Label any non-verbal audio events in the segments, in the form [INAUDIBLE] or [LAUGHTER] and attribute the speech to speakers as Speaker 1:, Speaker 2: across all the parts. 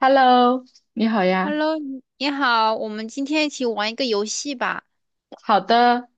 Speaker 1: Hello，你好呀。
Speaker 2: Hello，你好，我们今天一起玩一个游戏吧。
Speaker 1: 好的，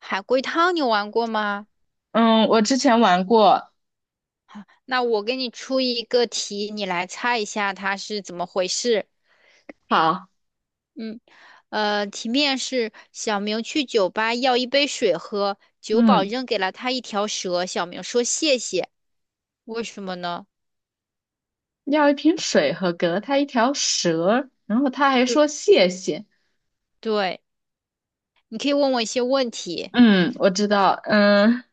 Speaker 2: 海龟汤你玩过吗？
Speaker 1: 嗯，我之前玩过。
Speaker 2: 那我给你出一个题，你来猜一下它是怎么回事。
Speaker 1: 好，
Speaker 2: 嗯，题面是小明去酒吧要一杯水喝，酒保
Speaker 1: 嗯，
Speaker 2: 扔给了他一条蛇，小明说谢谢。为什么呢？
Speaker 1: 要一瓶水和给了他一条蛇，然后他还
Speaker 2: 对
Speaker 1: 说谢谢。
Speaker 2: 对，你可以问我一些问题，
Speaker 1: 嗯，我知道。嗯，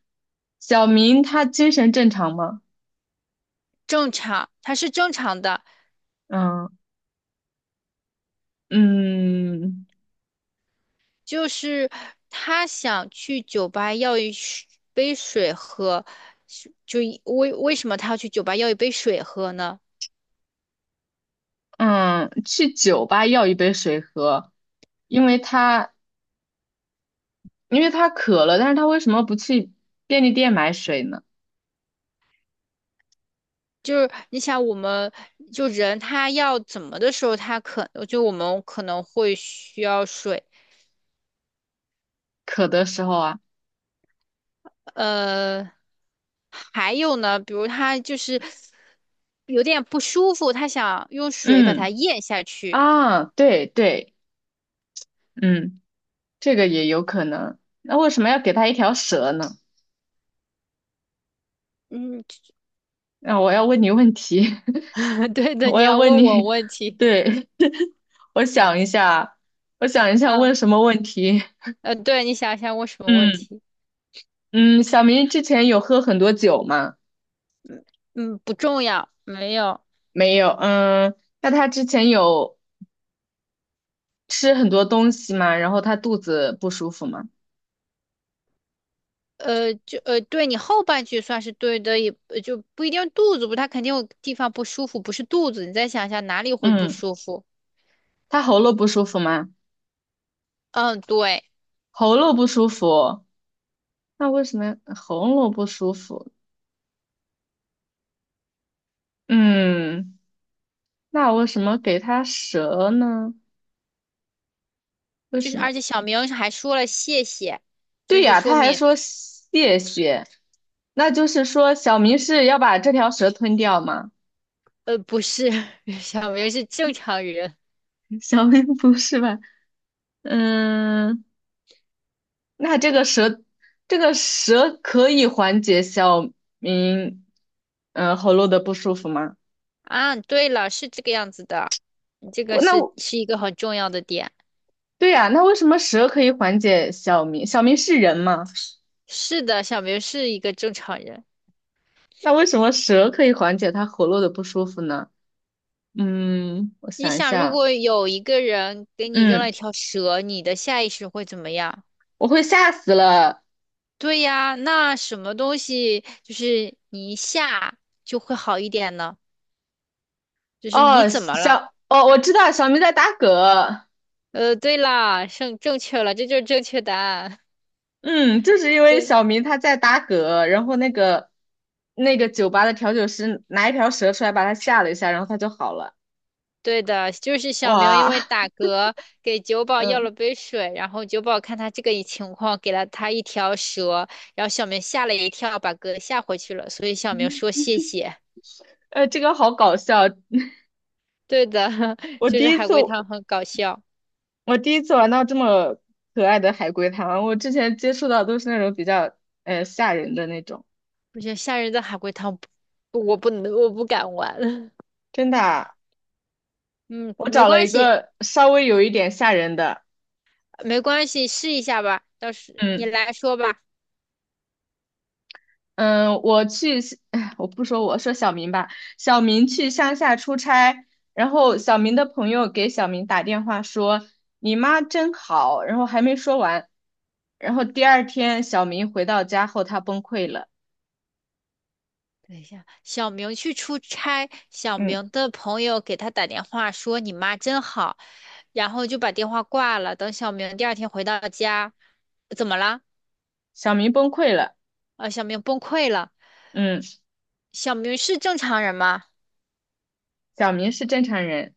Speaker 1: 小明他精神正常吗？
Speaker 2: 正常，它是正常的。
Speaker 1: 嗯嗯
Speaker 2: 就是他想去酒吧要杯水喝，是就一为为什么他要去酒吧要一杯水喝呢？
Speaker 1: 嗯，去酒吧要一杯水喝，因为他因为他渴了，但是他为什么不去便利店买水呢？
Speaker 2: 就是你想，我们他要怎么的时候，他可就我们可能会需要水。
Speaker 1: 渴的时候啊，
Speaker 2: 呃，还有呢，比如他就是有点不舒服，他想用水把它
Speaker 1: 嗯
Speaker 2: 咽下去。
Speaker 1: 啊，对对，嗯。这个也有可能。那为什么要给他一条蛇呢？
Speaker 2: 嗯，
Speaker 1: 那我要问你问题，
Speaker 2: [LAUGHS]
Speaker 1: [LAUGHS]
Speaker 2: 对的，
Speaker 1: 我
Speaker 2: 你
Speaker 1: 要
Speaker 2: 要
Speaker 1: 问
Speaker 2: 问我
Speaker 1: 你，
Speaker 2: 问题。
Speaker 1: 对，[LAUGHS] 我想一下，我想一下问
Speaker 2: 嗯，
Speaker 1: 什么问题？
Speaker 2: 对，你想想问什么问
Speaker 1: 嗯
Speaker 2: 题？
Speaker 1: 嗯，小明之前有喝很多酒吗？
Speaker 2: 嗯，不重要，没有，
Speaker 1: 没有。嗯，那他之前有吃很多东西吗？然后他肚子不舒服吗？
Speaker 2: 对你后半句算是对的，就不一定肚子不，他肯定有地方不舒服，不是肚子，你再想一下哪里会不
Speaker 1: 嗯，
Speaker 2: 舒服？
Speaker 1: 他喉咙不舒服吗？
Speaker 2: 嗯，对，
Speaker 1: 喉咙不舒服，那为什么喉咙不舒服？嗯，那为什么给他蛇呢？为
Speaker 2: 就
Speaker 1: 什
Speaker 2: 是
Speaker 1: 么？
Speaker 2: 而且小明还说了谢谢，
Speaker 1: 对
Speaker 2: 就是
Speaker 1: 呀，
Speaker 2: 说
Speaker 1: 他还
Speaker 2: 明
Speaker 1: 说谢谢，那就是说小明是要把这条蛇吞掉吗？
Speaker 2: 不是 [LAUGHS] 小明是正常人。
Speaker 1: [LAUGHS] 小明不是吧？嗯，那这个蛇，这个蛇可以缓解小明，嗯、喉咙的不舒服吗？
Speaker 2: 啊，对了，是这个样子的，你这个
Speaker 1: 我那
Speaker 2: 是
Speaker 1: 我
Speaker 2: 是一个很重要的点，
Speaker 1: 对呀，那为什么蛇可以缓解小明？小明是人吗？
Speaker 2: 是的，小明是一个正常人。
Speaker 1: 那为什么蛇可以缓解他喉咙的不舒服呢？嗯，我
Speaker 2: 你
Speaker 1: 想一
Speaker 2: 想，如
Speaker 1: 下，
Speaker 2: 果有一个人给你扔
Speaker 1: 嗯，
Speaker 2: 了一条蛇，你的下意识会怎么样？
Speaker 1: 我会吓死了。
Speaker 2: 对呀，那什么东西就是你一下就会好一点呢？就是你
Speaker 1: 哦，
Speaker 2: 怎么了？
Speaker 1: 小，哦，我知道小明在打嗝，
Speaker 2: 对啦，正确了，这就是正确答案。
Speaker 1: 嗯，就是因
Speaker 2: [LAUGHS]
Speaker 1: 为
Speaker 2: 对，
Speaker 1: 小明他在打嗝，然后那个酒吧的调酒师拿一条蛇出来把他吓了一下，然后他就好了。
Speaker 2: 对的，就是小明因
Speaker 1: 哇，
Speaker 2: 为打嗝给酒保要了
Speaker 1: 嗯，
Speaker 2: 杯水，然后酒保看他这个情况，给了他一条蛇，然后小明吓了一跳，把嗝吓回去了，所以小明说谢谢。
Speaker 1: 这个好搞笑，
Speaker 2: 对的，[LAUGHS]
Speaker 1: 我
Speaker 2: 就
Speaker 1: 第
Speaker 2: 是
Speaker 1: 一
Speaker 2: 海
Speaker 1: 次
Speaker 2: 龟汤很搞笑，
Speaker 1: 我第一次玩到这么可爱的海龟汤，我之前接触到都是那种比较吓人的那种，
Speaker 2: 我觉得吓人的海龟汤不我不能，我不敢玩。[LAUGHS]
Speaker 1: 真的啊
Speaker 2: 嗯，
Speaker 1: 我
Speaker 2: 没
Speaker 1: 找了
Speaker 2: 关
Speaker 1: 一
Speaker 2: 系，
Speaker 1: 个稍微有一点吓人的，
Speaker 2: 没关系，试一下吧。到时你
Speaker 1: 嗯。
Speaker 2: 来说吧。
Speaker 1: 嗯，我去，哎，我不说我，说小明吧。小明去乡下出差，然后小明的朋友给小明打电话说：“你妈真好。”然后还没说完，然后第二天小明回到家后，他崩溃了。
Speaker 2: 等一下，小明去出差，小
Speaker 1: 嗯，
Speaker 2: 明的朋友给他打电话说你妈真好，然后就把电话挂了。等小明第二天回到家，怎么了？
Speaker 1: 小明崩溃了。
Speaker 2: 啊，小明崩溃了。
Speaker 1: 嗯，
Speaker 2: 小明是正常人吗？
Speaker 1: 小明是正常人。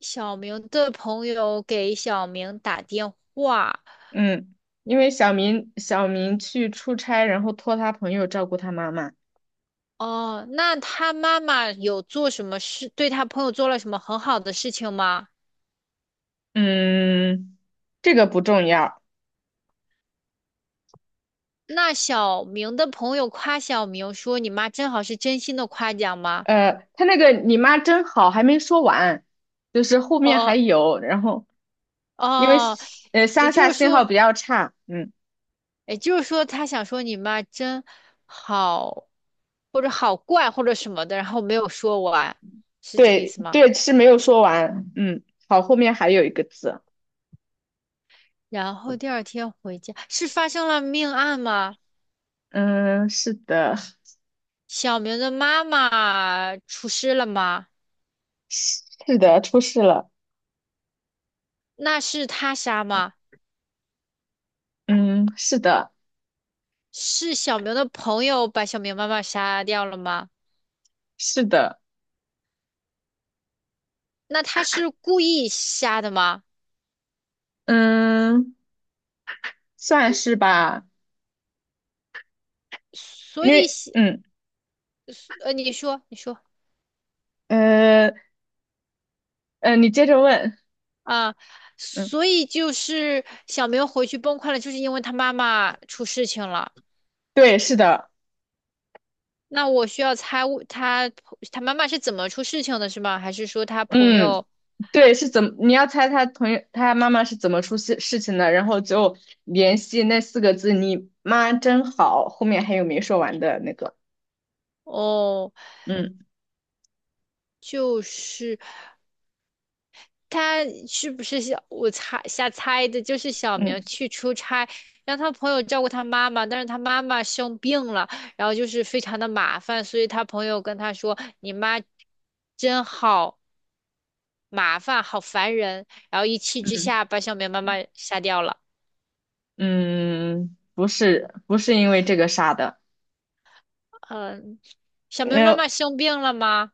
Speaker 2: 小明的朋友给小明打电话，
Speaker 1: 嗯，因为小明去出差，然后托他朋友照顾他妈妈。
Speaker 2: 哦，那他妈妈有做什么事，对他朋友做了什么很好的事情吗？
Speaker 1: 嗯，这个不重要。
Speaker 2: 那小明的朋友夸小明说：“你妈真好，是真心的夸奖吗？”
Speaker 1: 呃，他那个你妈真好还没说完，就是后面还
Speaker 2: 哦，
Speaker 1: 有，然后因为
Speaker 2: 哦，也
Speaker 1: 乡
Speaker 2: 就
Speaker 1: 下
Speaker 2: 是
Speaker 1: 信号
Speaker 2: 说，
Speaker 1: 比较差，嗯，
Speaker 2: 也就是说，他想说你妈真好，或者好怪，或者什么的，然后没有说完，是这个意
Speaker 1: 对
Speaker 2: 思吗？
Speaker 1: 对是没有说完，嗯，好，后面还有一个字，
Speaker 2: 然后第二天回家，是发生了命案吗？
Speaker 1: 嗯，是的，
Speaker 2: 小明的妈妈出事了吗？
Speaker 1: 是的，出事了，
Speaker 2: 那是他杀吗？
Speaker 1: 嗯，是的，
Speaker 2: 是小明的朋友把小明妈妈杀掉了吗？
Speaker 1: 是的，
Speaker 2: 那他是故意瞎的吗？
Speaker 1: 嗯，算是吧，
Speaker 2: 所
Speaker 1: 因
Speaker 2: 以
Speaker 1: 为
Speaker 2: 写，你说，你说。
Speaker 1: 呃你接着问，
Speaker 2: 啊，
Speaker 1: 嗯，
Speaker 2: 所以就是小明回去崩溃了，就是因为他妈妈出事情了。
Speaker 1: 对，是的，
Speaker 2: 那我需要猜我他他妈妈是怎么出事情的，是吗？还是说他朋
Speaker 1: 嗯。
Speaker 2: 友？
Speaker 1: 对，是怎么？你要猜他同学他妈妈是怎么出事情的，然后就联系那四个字“你妈真好”，后面还有没说完的那个。
Speaker 2: 哦，
Speaker 1: 嗯
Speaker 2: 就是。他是不是小？我猜瞎猜的，就是小明
Speaker 1: 嗯
Speaker 2: 去出差，让他朋友照顾他妈妈，但是他妈妈生病了，然后就是非常的麻烦，所以他朋友跟他说：“你妈真好麻烦，好烦人。”然后一气之
Speaker 1: 嗯
Speaker 2: 下把小明妈妈杀掉了。
Speaker 1: 嗯，不是因为这个杀的。
Speaker 2: 嗯，小明妈
Speaker 1: 呃，
Speaker 2: 妈生病了吗？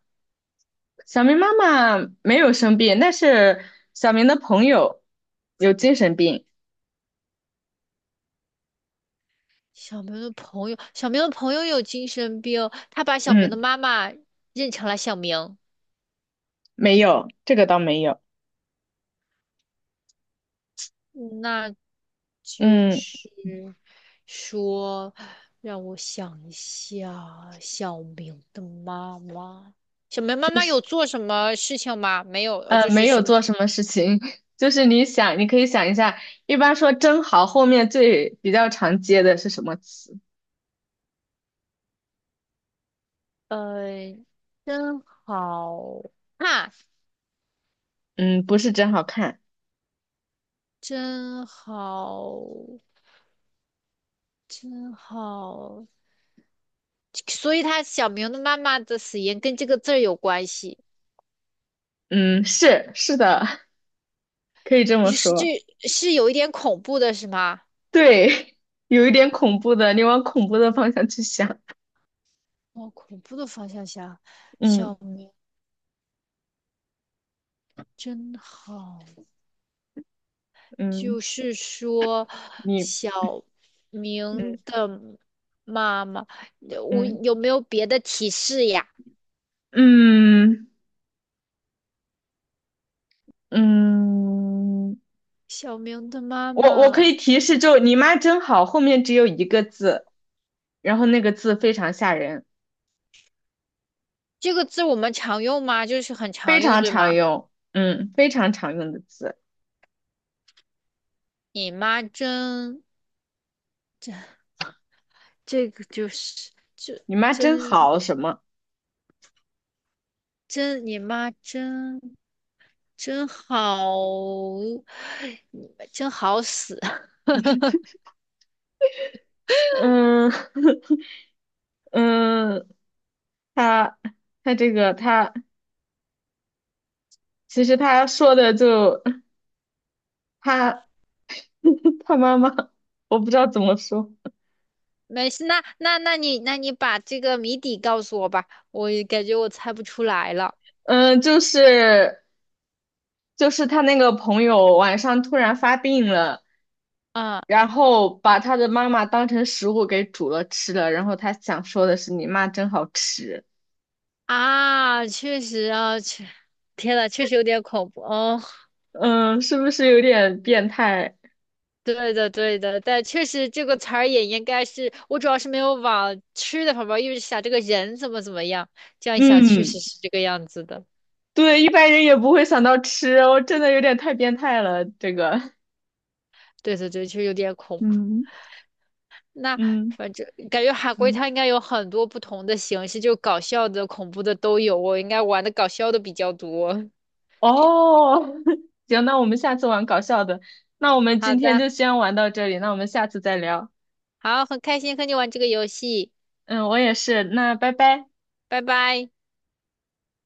Speaker 1: 小明妈妈没有生病，那是小明的朋友有精神病。
Speaker 2: 小明的朋友有精神病，他把小明的
Speaker 1: 嗯，
Speaker 2: 妈妈认成了小明。
Speaker 1: 没有，这个倒没有。
Speaker 2: 那就
Speaker 1: 嗯，
Speaker 2: 是说，让我想一下，小明的妈妈，小明妈
Speaker 1: 就
Speaker 2: 妈有
Speaker 1: 是。
Speaker 2: 做什么事情吗？没有，就是
Speaker 1: 没
Speaker 2: 什
Speaker 1: 有
Speaker 2: 么，
Speaker 1: 做什么事情，[LAUGHS] 就是你想，你可以想一下，一般说“真好”后面最比较常接的是什么词？
Speaker 2: 呃，真好啊，
Speaker 1: 嗯，不是真好看，
Speaker 2: 真好，真好，所以他小明的妈妈的死因跟这个字儿有关系，
Speaker 1: 嗯，是是的，[LAUGHS] 可以这么
Speaker 2: 也是这
Speaker 1: 说。
Speaker 2: 是有一点恐怖的，是吗？
Speaker 1: 对，[LAUGHS] 有一点恐怖的，你往恐怖的方向去想。
Speaker 2: 往恐怖的方向想，小
Speaker 1: 嗯
Speaker 2: 明真好。
Speaker 1: 嗯，
Speaker 2: 就是说，
Speaker 1: 你
Speaker 2: 小明
Speaker 1: 嗯
Speaker 2: 的妈妈，我
Speaker 1: 嗯
Speaker 2: 有没有别的提示呀？
Speaker 1: 嗯嗯，
Speaker 2: 小明的妈
Speaker 1: 我可
Speaker 2: 妈
Speaker 1: 以提示，就你妈真好，后面只有一个字，然后那个字非常吓人。
Speaker 2: 这个字我们常用吗？就是很
Speaker 1: 非
Speaker 2: 常用，
Speaker 1: 常
Speaker 2: 对
Speaker 1: 常
Speaker 2: 吗？
Speaker 1: 用，嗯，非常常用的字。
Speaker 2: 你妈真，这个就是就
Speaker 1: 你妈真
Speaker 2: 真，
Speaker 1: 好什么？
Speaker 2: 真，你妈真真好，你们真好死。[LAUGHS]
Speaker 1: 嗯 [LAUGHS] 嗯，他他这个他其实他说的就他 [LAUGHS] 他妈妈，我不知道怎么说，
Speaker 2: 没事，那你把这个谜底告诉我吧，我感觉我猜不出来了。
Speaker 1: 嗯，就是他那个朋友晚上突然发病了，
Speaker 2: 啊，
Speaker 1: 然后把他的妈妈当成食物给煮了吃了，然后他想说的是你妈真好吃，
Speaker 2: 啊，确实啊，确，天呐，确实有点恐怖哦。
Speaker 1: 嗯，是不是有点变态？
Speaker 2: 对的，对的，但确实这个词儿也应该是，我主要是没有往吃的方面，因为想这个人怎么怎么样，这样一想确
Speaker 1: 嗯，
Speaker 2: 实是这个样子的。
Speaker 1: 对，一般人也不会想到吃，我真的有点太变态了，这个，
Speaker 2: 对对对，实有点恐怖。
Speaker 1: 嗯
Speaker 2: 那
Speaker 1: 嗯
Speaker 2: 反正感觉海龟
Speaker 1: 嗯，
Speaker 2: 它应该有很多不同的形式，就搞笑的、恐怖的都有。我应该玩的搞笑的比较多。[LAUGHS]
Speaker 1: 哦，[LAUGHS] 行，那我们下次玩搞笑的，那我们
Speaker 2: 好
Speaker 1: 今天
Speaker 2: 的，
Speaker 1: 就先玩到这里，那我们下次再聊，
Speaker 2: 好，很开心和你玩这个游戏，
Speaker 1: 嗯，我也是，那拜拜。
Speaker 2: 拜拜。